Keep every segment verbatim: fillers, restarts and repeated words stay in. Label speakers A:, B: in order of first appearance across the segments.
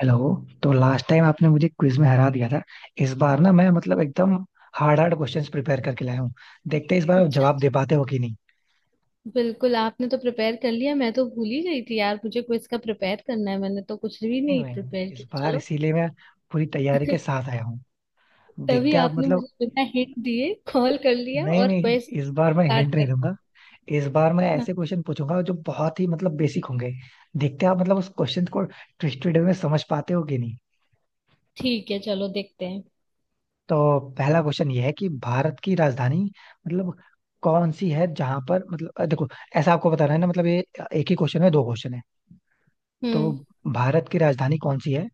A: Hello. तो last time आपने मुझे क्विज में हरा दिया था। इस बार ना मैं मतलब एकदम हार्ड हार्ड क्वेश्चंस प्रिपेयर करके लाया हूँ। देखते हैं इस बार आप
B: अच्छा।
A: जवाब दे पाते हो कि नहीं।
B: बिल्कुल, आपने तो प्रिपेयर कर लिया। मैं तो भूल ही गई थी यार, मुझे क्विज का प्रिपेयर करना है। मैंने तो कुछ भी
A: नहीं
B: नहीं
A: मैं
B: प्रिपेयर
A: इस
B: किया।
A: बार
B: चलो।
A: इसीलिए मैं पूरी तैयारी के साथ आया हूँ।
B: तभी
A: देखते हैं आप
B: आपने
A: मतलब।
B: मुझे बिना हिंट दिए कॉल कर लिया
A: नहीं
B: और
A: नहीं
B: क्विज
A: इस बार मैं
B: स्टार्ट
A: हिंट नहीं
B: कर
A: दूंगा। इस बार मैं
B: ना।
A: ऐसे क्वेश्चन पूछूंगा जो बहुत ही मतलब बेसिक होंगे। देखते हैं आप मतलब उस क्वेश्चन को ट्विस्टेड में समझ पाते हो कि नहीं।
B: ठीक है, चलो देखते हैं।
A: तो पहला क्वेश्चन ये है कि भारत की राजधानी मतलब कौन सी है जहां पर मतलब अ, देखो। ऐसा आपको बताना है ना मतलब ये एक ही क्वेश्चन है दो क्वेश्चन है। तो
B: हम्म।
A: भारत की राजधानी कौन सी है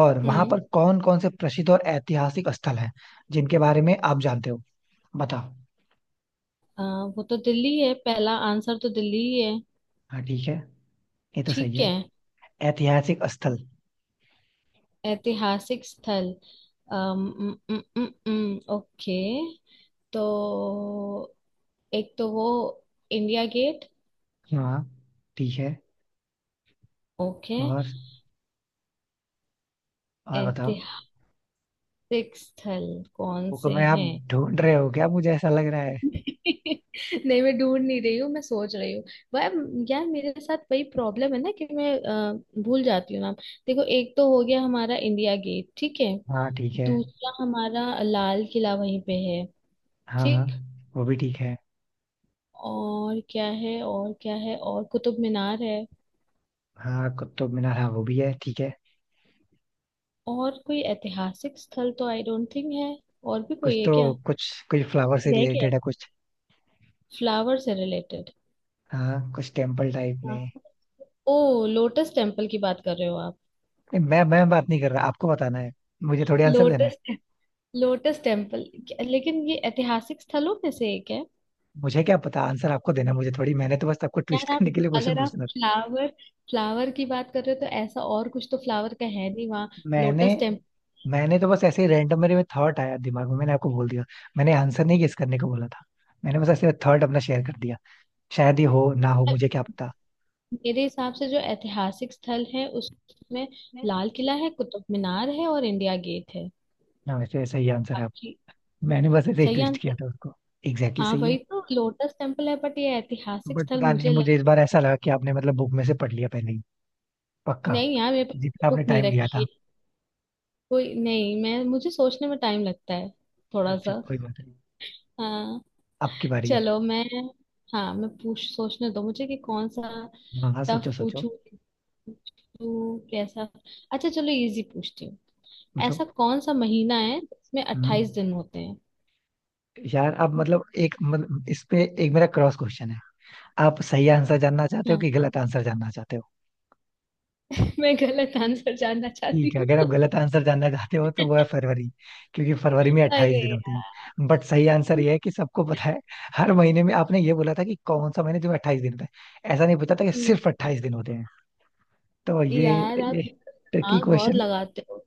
A: और वहां
B: हम्म।
A: पर कौन कौन से प्रसिद्ध और ऐतिहासिक स्थल हैं जिनके बारे में आप जानते हो? बताओ।
B: आ, वो तो दिल्ली है, पहला आंसर तो दिल्ली ही है।
A: हाँ ठीक है। ये तो सही
B: ठीक है।
A: है। ऐतिहासिक स्थल।
B: ऐतिहासिक स्थल। अम, उम, उम, उम, ओके। तो एक तो वो इंडिया गेट।
A: हाँ ठीक है।
B: ओके।
A: और और बताओ।
B: सिक्स स्थल कौन
A: बुक
B: से
A: में आप
B: हैं?
A: ढूंढ रहे हो क्या? मुझे ऐसा लग रहा है।
B: नहीं, मैं ढूंढ नहीं रही हूँ, मैं सोच रही हूँ। वह, यार मेरे साथ वही प्रॉब्लम है ना कि मैं अ, भूल जाती हूँ नाम। देखो, एक तो हो गया हमारा इंडिया गेट। ठीक है।
A: हाँ ठीक है।
B: दूसरा हमारा लाल किला वहीं पे है।
A: हाँ, हाँ,
B: ठीक।
A: वो भी ठीक है।
B: और क्या है? और क्या है? और कुतुब मीनार है।
A: हाँ कुतुब मीनार, हाँ वो भी है ठीक है।
B: और कोई ऐतिहासिक स्थल तो आई डोंट थिंक है। और भी
A: कुछ
B: कोई है
A: तो
B: क्या?
A: कुछ कुछ फ्लावर से
B: रह गया।
A: रिलेटेड है कुछ।
B: फ्लावर से रिलेटेड।
A: हाँ कुछ टेम्पल टाइप में।
B: ओ, लोटस टेम्पल की बात कर रहे हो आप?
A: नहीं मैं मैं बात नहीं कर रहा, आपको बताना है। मुझे थोड़ी आंसर देना है।
B: लोटस। Lotus temple. लेकिन ये ऐतिहासिक स्थलों में से एक है?
A: मुझे क्या पता, आंसर आपको देना है, मुझे थोड़ी। मैंने तो बस आपको ट्विस्ट
B: यार आप,
A: करने के लिए क्वेश्चन
B: अगर आप
A: पूछना था।
B: फ्लावर फ्लावर की बात कर रहे हो, तो ऐसा और कुछ तो फ्लावर का है नहीं वहाँ।
A: मैंने
B: लोटस टेम्पल।
A: मैंने तो बस ऐसे ही रैंडम मेरे में थॉट आया दिमाग में मैंने आपको बोल दिया। मैंने आंसर नहीं गेस करने को बोला था। मैंने बस ऐसे थॉट अपना शेयर कर दिया। शायद ये हो ना हो, मुझे क्या पता।
B: मेरे हिसाब से जो ऐतिहासिक स्थल है उसमें लाल किला है, कुतुब मीनार है, और इंडिया गेट है।
A: ना वैसे ऐसा ही आंसर है आप।
B: बाकी
A: मैंने बस ऐसे ही
B: सही
A: ट्विस्ट
B: आंसर।
A: किया था उसको। एग्जैक्टली
B: हाँ
A: सही है।
B: वही तो लोटस टेम्पल है, बट ये ऐतिहासिक
A: बट
B: स्थल
A: पता नहीं
B: मुझे लग।
A: मुझे इस बार ऐसा लगा कि आपने मतलब बुक में से पढ़ लिया पहले ही। पक्का।
B: नहीं यार, मेरे पास
A: जितना आपने
B: बुक नहीं
A: टाइम लिया
B: रखी
A: था।
B: है। कोई नहीं, मैं, मुझे सोचने में टाइम लगता है थोड़ा
A: अच्छा
B: सा।
A: कोई बात नहीं।
B: हाँ।
A: आपकी बारी है।
B: चलो मैं, हाँ मैं पूछ, सोचने दो मुझे कि कौन सा
A: हाँ हाँ
B: टफ
A: सोचो सोचो।
B: पूछूं। पूछूं, कैसा? अच्छा चलो, इजी पूछती हूँ।
A: पूछो।
B: ऐसा कौन सा महीना है जिसमें
A: हम्म।
B: अट्ठाईस दिन होते हैं?
A: यार आप मतलब एक मतलब इस पे एक मेरा क्रॉस क्वेश्चन है। आप सही आंसर जानना चाहते हो
B: हाँ।
A: कि गलत आंसर जानना चाहते हो?
B: मैं गलत आंसर जानना
A: ठीक
B: चाहती
A: है,
B: हूँ।
A: अगर आप गलत आंसर जानना चाहते हो तो वो है फरवरी। क्योंकि फरवरी में अट्ठाईस
B: अरे
A: दिन होते
B: यार।
A: हैं बट सही आंसर ये है कि सबको पता है। हर महीने में आपने ये बोला था कि कौन सा महीने जो अट्ठाईस दिन होता है, ऐसा नहीं पता था कि
B: हम्म।
A: सिर्फ अट्ठाईस दिन होते। तो ये
B: यार
A: ये
B: आप
A: ट्रिकी
B: दिमाग बहुत
A: क्वेश्चन।
B: लगाते हो।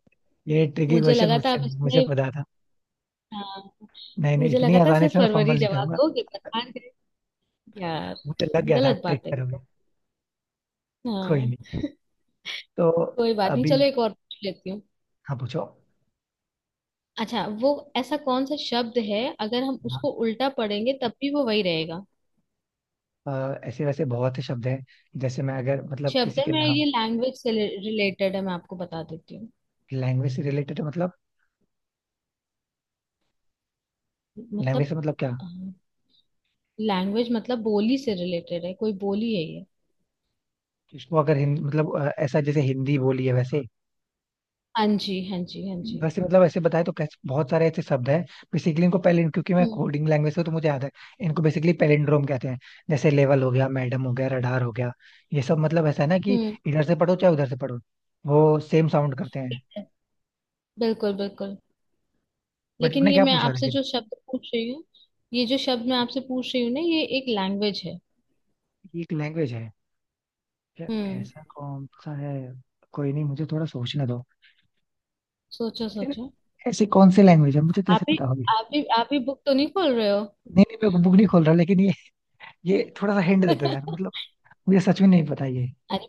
A: ये ट्रिकी
B: मुझे
A: क्वेश्चन
B: लगा था
A: मुझसे
B: आप
A: नहीं, मुझे
B: इसमें।
A: पता था।
B: हाँ।
A: नहीं नहीं
B: मुझे
A: इतनी
B: लगा था
A: आसानी
B: सिर्फ
A: से मैं
B: फरवरी
A: फंबल नहीं
B: जवाब
A: करूंगा।
B: दोगे पर हार गए यार।
A: मुझे लग गया था आप
B: गलत बात
A: ट्रिक
B: है ये
A: करोगे।
B: तो।
A: कोई नहीं।
B: हाँ।
A: तो
B: कोई बात नहीं,
A: अभी।
B: चलो एक और पूछ लेती हूँ।
A: हाँ पूछो।
B: अच्छा, वो ऐसा कौन सा शब्द है अगर हम
A: हाँ,
B: उसको उल्टा पढ़ेंगे तब भी वो वही रहेगा?
A: अ, ऐसे वैसे बहुत से शब्द हैं। जैसे मैं अगर मतलब
B: शब्द
A: किसी
B: है,
A: के
B: मैं
A: नाम।
B: ये, लैंग्वेज से रिलेटेड है, मैं आपको बता देती हूँ।
A: लैंग्वेज से रिलेटेड मतलब। लैंग्वेज
B: मतलब।
A: से मतलब क्या?
B: लैंग्वेज मतलब बोली से रिलेटेड है, कोई बोली है ये।
A: इसको अगर हिंद मतलब अ, ऐसा जैसे हिंदी बोली है वैसे।
B: हाँ जी, हाँ जी, हाँ जी।
A: वैसे मतलब ऐसे बताए तो कैसे बहुत सारे ऐसे शब्द हैं। बेसिकली इनको पैलिन, क्योंकि मैं
B: हम्म।
A: कोडिंग लैंग्वेज से हूं, तो मुझे याद है। इनको बेसिकली पैलिंड्रोम कहते हैं। जैसे लेवल हो गया, मैडम हो गया, रडार हो गया। ये सब मतलब ऐसा है ना कि
B: हम्म।
A: इधर से पढ़ो चाहे उधर से पढ़ो, वो सेम साउंड करते हैं।
B: ठीक है। बिल्कुल, बिल्कुल।
A: बट
B: लेकिन
A: आपने
B: ये
A: क्या
B: मैं
A: पूछा
B: आपसे
A: लेकिन?
B: जो शब्द पूछ रही हूँ, ये जो शब्द मैं आपसे पूछ रही हूँ ना, ये एक लैंग्वेज है।
A: ये एक लैंग्वेज है। यार
B: हम्म।
A: ऐसा कौन सा है? कोई नहीं, मुझे थोड़ा सोचने दो।
B: सोचो,
A: यार,
B: सोचो।
A: ऐसी कौन सी लैंग्वेज है? मुझे कैसे
B: आप ही
A: पता होगी?
B: आप ही आप ही बुक तो नहीं खोल रहे
A: नहीं नहीं मैं बुक नहीं खोल रहा लेकिन ये ये थोड़ा सा हिंट दे दो यार
B: हो?
A: मतलब। मुझे सच में नहीं पता ये।
B: अरे,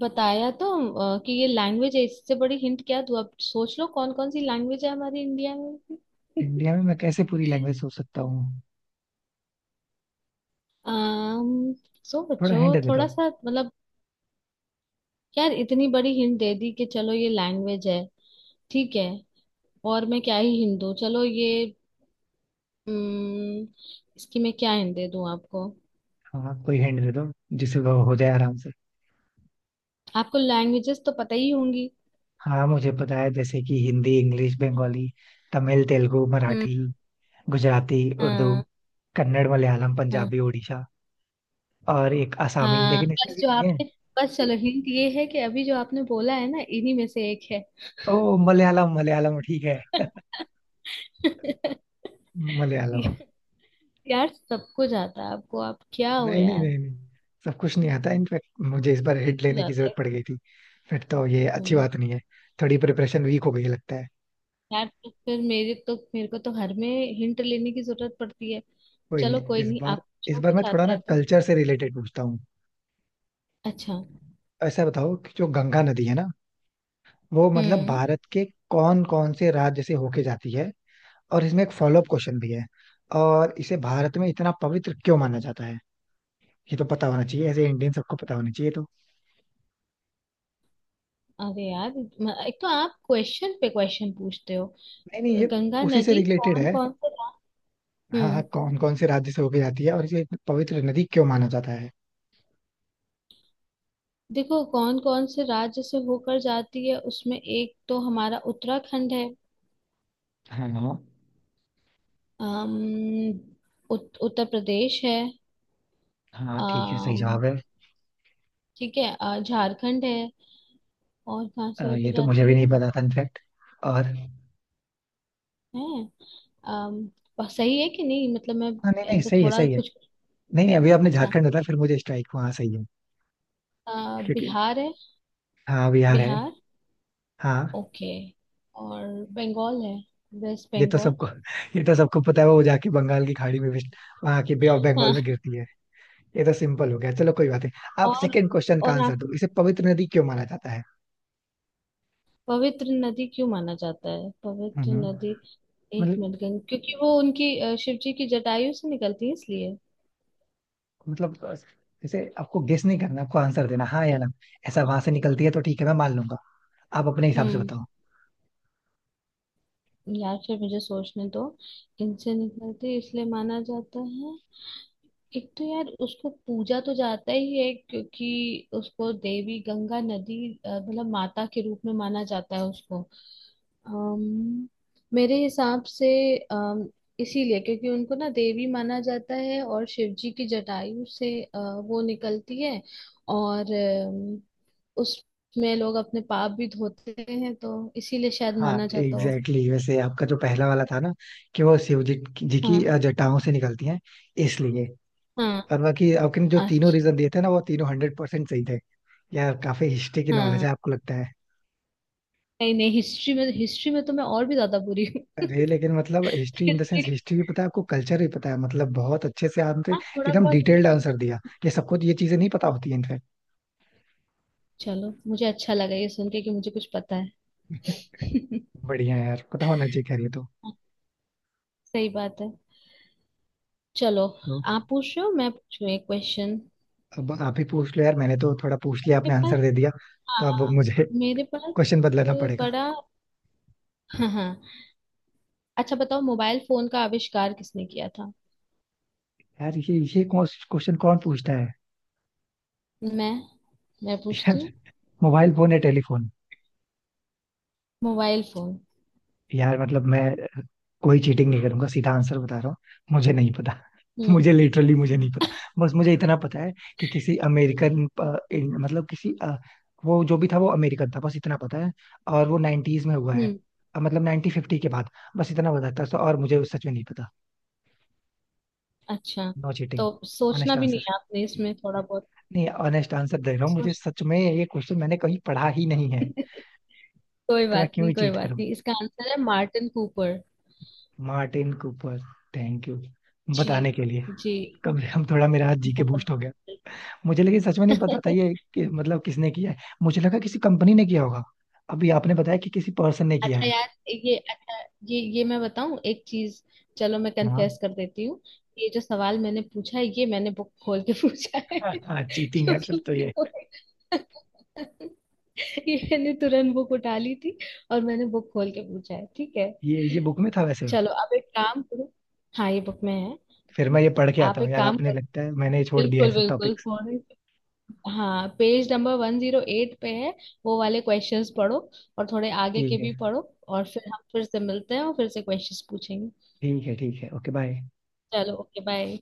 B: बताया तो अ, कि ये लैंग्वेज है, इससे बड़ी हिंट क्या दूँ, अब सोच लो कौन कौन सी लैंग्वेज है हमारी इंडिया में भी।
A: इंडिया में मैं कैसे पूरी लैंग्वेज सोच सकता हूँ?
B: अम्म।
A: थोड़ा
B: सोचो।
A: हिंट दे दो।
B: थोड़ा सा मतलब, यार इतनी बड़ी हिंट दे दी कि चलो ये लैंग्वेज है, ठीक है। और मैं क्या ही हिंट दूँ, चलो ये, अम्म, इसकी मैं क्या हिंट दे दूँ आपको?
A: हाँ कोई हिंट दे दो जिससे वो हो जाए आराम से।
B: आपको लैंग्वेजेस तो पता ही होंगी।
A: हाँ मुझे पता है जैसे कि हिंदी, इंग्लिश, बंगाली, तमिल, तेलुगु,
B: हम्म।
A: मराठी, गुजराती, उर्दू,
B: हाँ,
A: कन्नड़, मलयालम,
B: हाँ,
A: पंजाबी, उड़ीसा और एक आसामी
B: हाँ,
A: लेकिन इसमें
B: बस
A: भी
B: जो
A: नहीं है।
B: आपने, बस चलो, हिंट ये है कि अभी जो आपने बोला है ना, इन्हीं में से एक है।
A: ओ, मलयालम, मलयालम ठीक है। मलयालम।
B: यार सबको जाता है आपको, आप क्या हो
A: नहीं नहीं
B: यार।
A: नहीं नहीं सब कुछ नहीं आता इनफैक्ट। मुझे इस बार हिट
B: सबको
A: लेने की
B: जाता
A: जरूरत
B: है।
A: पड़ गई थी। फिर तो ये अच्छी
B: हम्म।
A: बात नहीं है। थोड़ी प्रिपरेशन वीक हो गई लगता है।
B: यार तो फिर मेरे तो मेरे को तो हर में हिंट लेने की जरूरत पड़ती है।
A: कोई
B: चलो
A: नहीं
B: कोई
A: इस
B: नहीं,
A: बार।
B: आप
A: इस
B: पूछो
A: बार मैं
B: कुछ
A: थोड़ा
B: आता
A: ना
B: है तो।
A: कल्चर से रिलेटेड पूछता हूँ।
B: अच्छा।
A: ऐसा बताओ कि जो गंगा नदी है ना वो मतलब
B: हम्म।
A: भारत के कौन कौन से राज्य से होके जाती है? और इसमें एक फॉलोअप क्वेश्चन भी है। और इसे भारत में इतना पवित्र क्यों माना जाता है? ये तो पता होना चाहिए, ऐसे इंडियन सबको पता होना चाहिए तो।
B: अरे यार, म- एक तो आप क्वेश्चन पे क्वेश्चन पूछते हो।
A: नहीं नहीं ये
B: गंगा
A: उसी से
B: नदी
A: रिलेटेड
B: कौन
A: है।
B: कौन से रा-।
A: हाँ हाँ
B: हम्म।
A: कौन कौन से राज्य से होके जाती है और इसे इतनी पवित्र नदी क्यों माना जाता है?
B: देखो, कौन कौन से राज्य से होकर जाती है, उसमें एक तो हमारा उत्तराखंड है।
A: हाँ हाँ।
B: अम्म, उत, उत्तर प्रदेश है।
A: हाँ, ठीक है सही
B: अम,
A: जवाब है।
B: ठीक है, अ, झारखंड है। और कहाँ
A: अ,
B: से होके
A: ये तो मुझे
B: जाती
A: भी नहीं
B: है?
A: पता था इनफैक्ट। और।
B: हैं? अम, प- सही है कि नहीं, मतलब मैं
A: हाँ नहीं नहीं
B: ऐसे
A: सही है
B: थोड़ा
A: सही है।
B: कुछ।
A: नहीं नहीं अभी आपने
B: अच्छा।
A: झारखंड बताया फिर मुझे स्ट्राइक हुआ, हाँ सही है।
B: अ,
A: क्योंकि
B: बिहार है।
A: हाँ बिहार है।
B: बिहार।
A: हाँ
B: ओके। और बंगाल है, वेस्ट
A: ये तो
B: बंगाल।
A: सबको ये तो सबको पता है, वो जाके बंगाल की खाड़ी में भी, वहां की बे ऑफ बंगाल में
B: हाँ।
A: गिरती है। ये तो सिंपल हो गया। चलो कोई बात नहीं, आप
B: और
A: सेकंड क्वेश्चन का
B: और
A: आंसर
B: आप,
A: दो, इसे पवित्र नदी क्यों माना जाता है?
B: पवित्र नदी क्यों माना जाता है, पवित्र
A: हम्म।
B: नदी? एक
A: मतलब।
B: मिनट। गंग, क्योंकि वो उनकी अ, शिव जी की जटायु से निकलती है इसलिए।
A: मतलब इसे आपको गेस नहीं करना, आपको आंसर देना हाँ या ना। ऐसा वहां से निकलती है तो ठीक है, मैं मान लूंगा। आप अपने हिसाब से
B: हम्म।
A: बताओ।
B: यार फिर मुझे सोचने दो। इनसे निकलती है, इसलिए माना जाता है। एक तो यार, उसको पूजा तो जाता ही है क्योंकि उसको देवी गंगा नदी, अ, मतलब माता के रूप में माना जाता है उसको। अम्म। मेरे हिसाब से, अम, इसीलिए क्योंकि उनको ना देवी माना जाता है और शिव जी की जटायु से अ, वो निकलती है। और अम, उसमें लोग अपने पाप भी धोते हैं, तो इसीलिए शायद
A: हाँ
B: माना जाता होगा।
A: Exactly exactly. वैसे आपका जो पहला वाला था ना कि वो शिव जी की जी
B: हाँ।
A: की, अ, जटाओं से निकलती हैं इसलिए।
B: हाँ।
A: और बाकी आपने जो तीनों
B: अच्छा।
A: रीजन दिए थे ना वो तीनों हंड्रेड परसेंट सही थे। यार काफी हिस्ट्री की नॉलेज
B: हाँ।
A: है आपको लगता है।
B: नहीं नहीं, हिस्ट्री में, हिस्ट्री में तो मैं और भी ज्यादा बुरी हूँ।
A: अरे लेकिन मतलब history in the
B: history.
A: Sense, history भी पता है आपको, कल्चर भी पता है, मतलब बहुत अच्छे से आपने
B: हाँ, थोड़ा
A: एकदम
B: बहुत ही।
A: डिटेल्ड आंसर दिया। ये सबको ये चीजें नहीं पता होती है इनफैक्ट।
B: चलो, मुझे अच्छा लगा ये सुन के कि मुझे कुछ पता है।
A: बढ़िया है यार, पता होना चाहिए, खैर ये तो।
B: सही बात है। चलो।
A: तो
B: आप पूछ रहे हो, मैं पूछूं एक क्वेश्चन?
A: अब आप ही पूछ लो यार, मैंने तो थोड़ा पूछ लिया,
B: मेरे
A: आपने
B: पास।
A: आंसर दे दिया। तो अब
B: हाँ।
A: मुझे
B: मेरे पास
A: क्वेश्चन
B: अ,
A: बदलना पड़ेगा।
B: बड़ा। हाँ, हाँ, अच्छा बताओ मोबाइल फोन का आविष्कार किसने किया था?
A: यार ये ये क्वेश्चन कौन क्वेश्चन कौन पूछता है?
B: मैं मैं पूछती
A: यार,
B: हूँ।
A: मोबाइल फोन या टेलीफोन?
B: Mobile phone.
A: यार मतलब मैं कोई चीटिंग नहीं करूंगा, सीधा आंसर बता रहा हूँ। मुझे नहीं पता।
B: हम्म।
A: मुझे लिटरली मुझे नहीं पता। बस मुझे इतना पता है कि किसी अमेरिकन, मतलब किसी अ, वो जो भी था वो अमेरिकन था बस इतना पता है। और वो नाइनटीज में हुआ है।
B: हम्म।
A: अ, मतलब नाइनटीन फिफ्टी के बाद। बस इतना बताता है तो, तो और मुझे सच में नहीं पता।
B: अच्छा,
A: नो
B: तो
A: चीटिंग।
B: सोचना
A: ऑनेस्ट
B: भी नहीं
A: आंसर।
B: है आपने इसमें थोड़ा बहुत
A: नहीं ऑनेस्ट आंसर दे रहा हूँ, मुझे
B: सोच।
A: सच में ये क्वेश्चन मैंने कहीं पढ़ा ही नहीं है।
B: कोई
A: तो मैं
B: बात
A: क्यों
B: नहीं,
A: ही
B: कोई
A: चीट
B: बात
A: करूँ?
B: नहीं, इसका आंसर है Martin Cooper.
A: Martin Cooper. Thank you
B: जी।
A: बताने के लिए।
B: जी।
A: कम से कम थोड़ा मेरा हाथ जी के
B: बहुत।
A: बूस्ट हो गया। मुझे लेकिन सच में नहीं पता था ये कि मतलब किसने किया है। मुझे लगा किसी कंपनी ने किया होगा, अभी आपने बताया कि किसी पर्सन ने किया
B: अच्छा
A: है।
B: यार, ये अच्छा, ये ये मैं बताऊं एक चीज, चलो मैं
A: हाँ
B: कन्फेस कर देती हूँ। ये जो सवाल मैंने पूछा है, ये मैंने बुक खोल के पूछा है।
A: हाँ चीटिंग है
B: क्योंकि
A: सर तो ये।
B: मुझे-। ये मैंने तुरंत बुक उठा ली थी और मैंने बुक खोल के पूछा है, ठीक है।
A: ये ये बुक में था वैसे।
B: चलो, आप एक काम करो। हाँ, ये बुक में है।
A: फिर मैं ये पढ़ के आता
B: आप
A: हूँ
B: एक
A: यार,
B: काम
A: आपने
B: करो,
A: लगता है मैंने छोड़ दिया है
B: बिल्कुल
A: सब
B: बिल्कुल
A: टॉपिक्स।
B: थोड़े। हाँ, page number one zero eight पे है, वो वाले क्वेश्चंस पढ़ो और थोड़े आगे के
A: ठीक
B: भी
A: है
B: पढ़ो। और फिर हम फिर से मिलते हैं और फिर से क्वेश्चंस पूछेंगे।
A: ठीक है ठीक है ओके बाय।
B: चलो, ओके, बाय।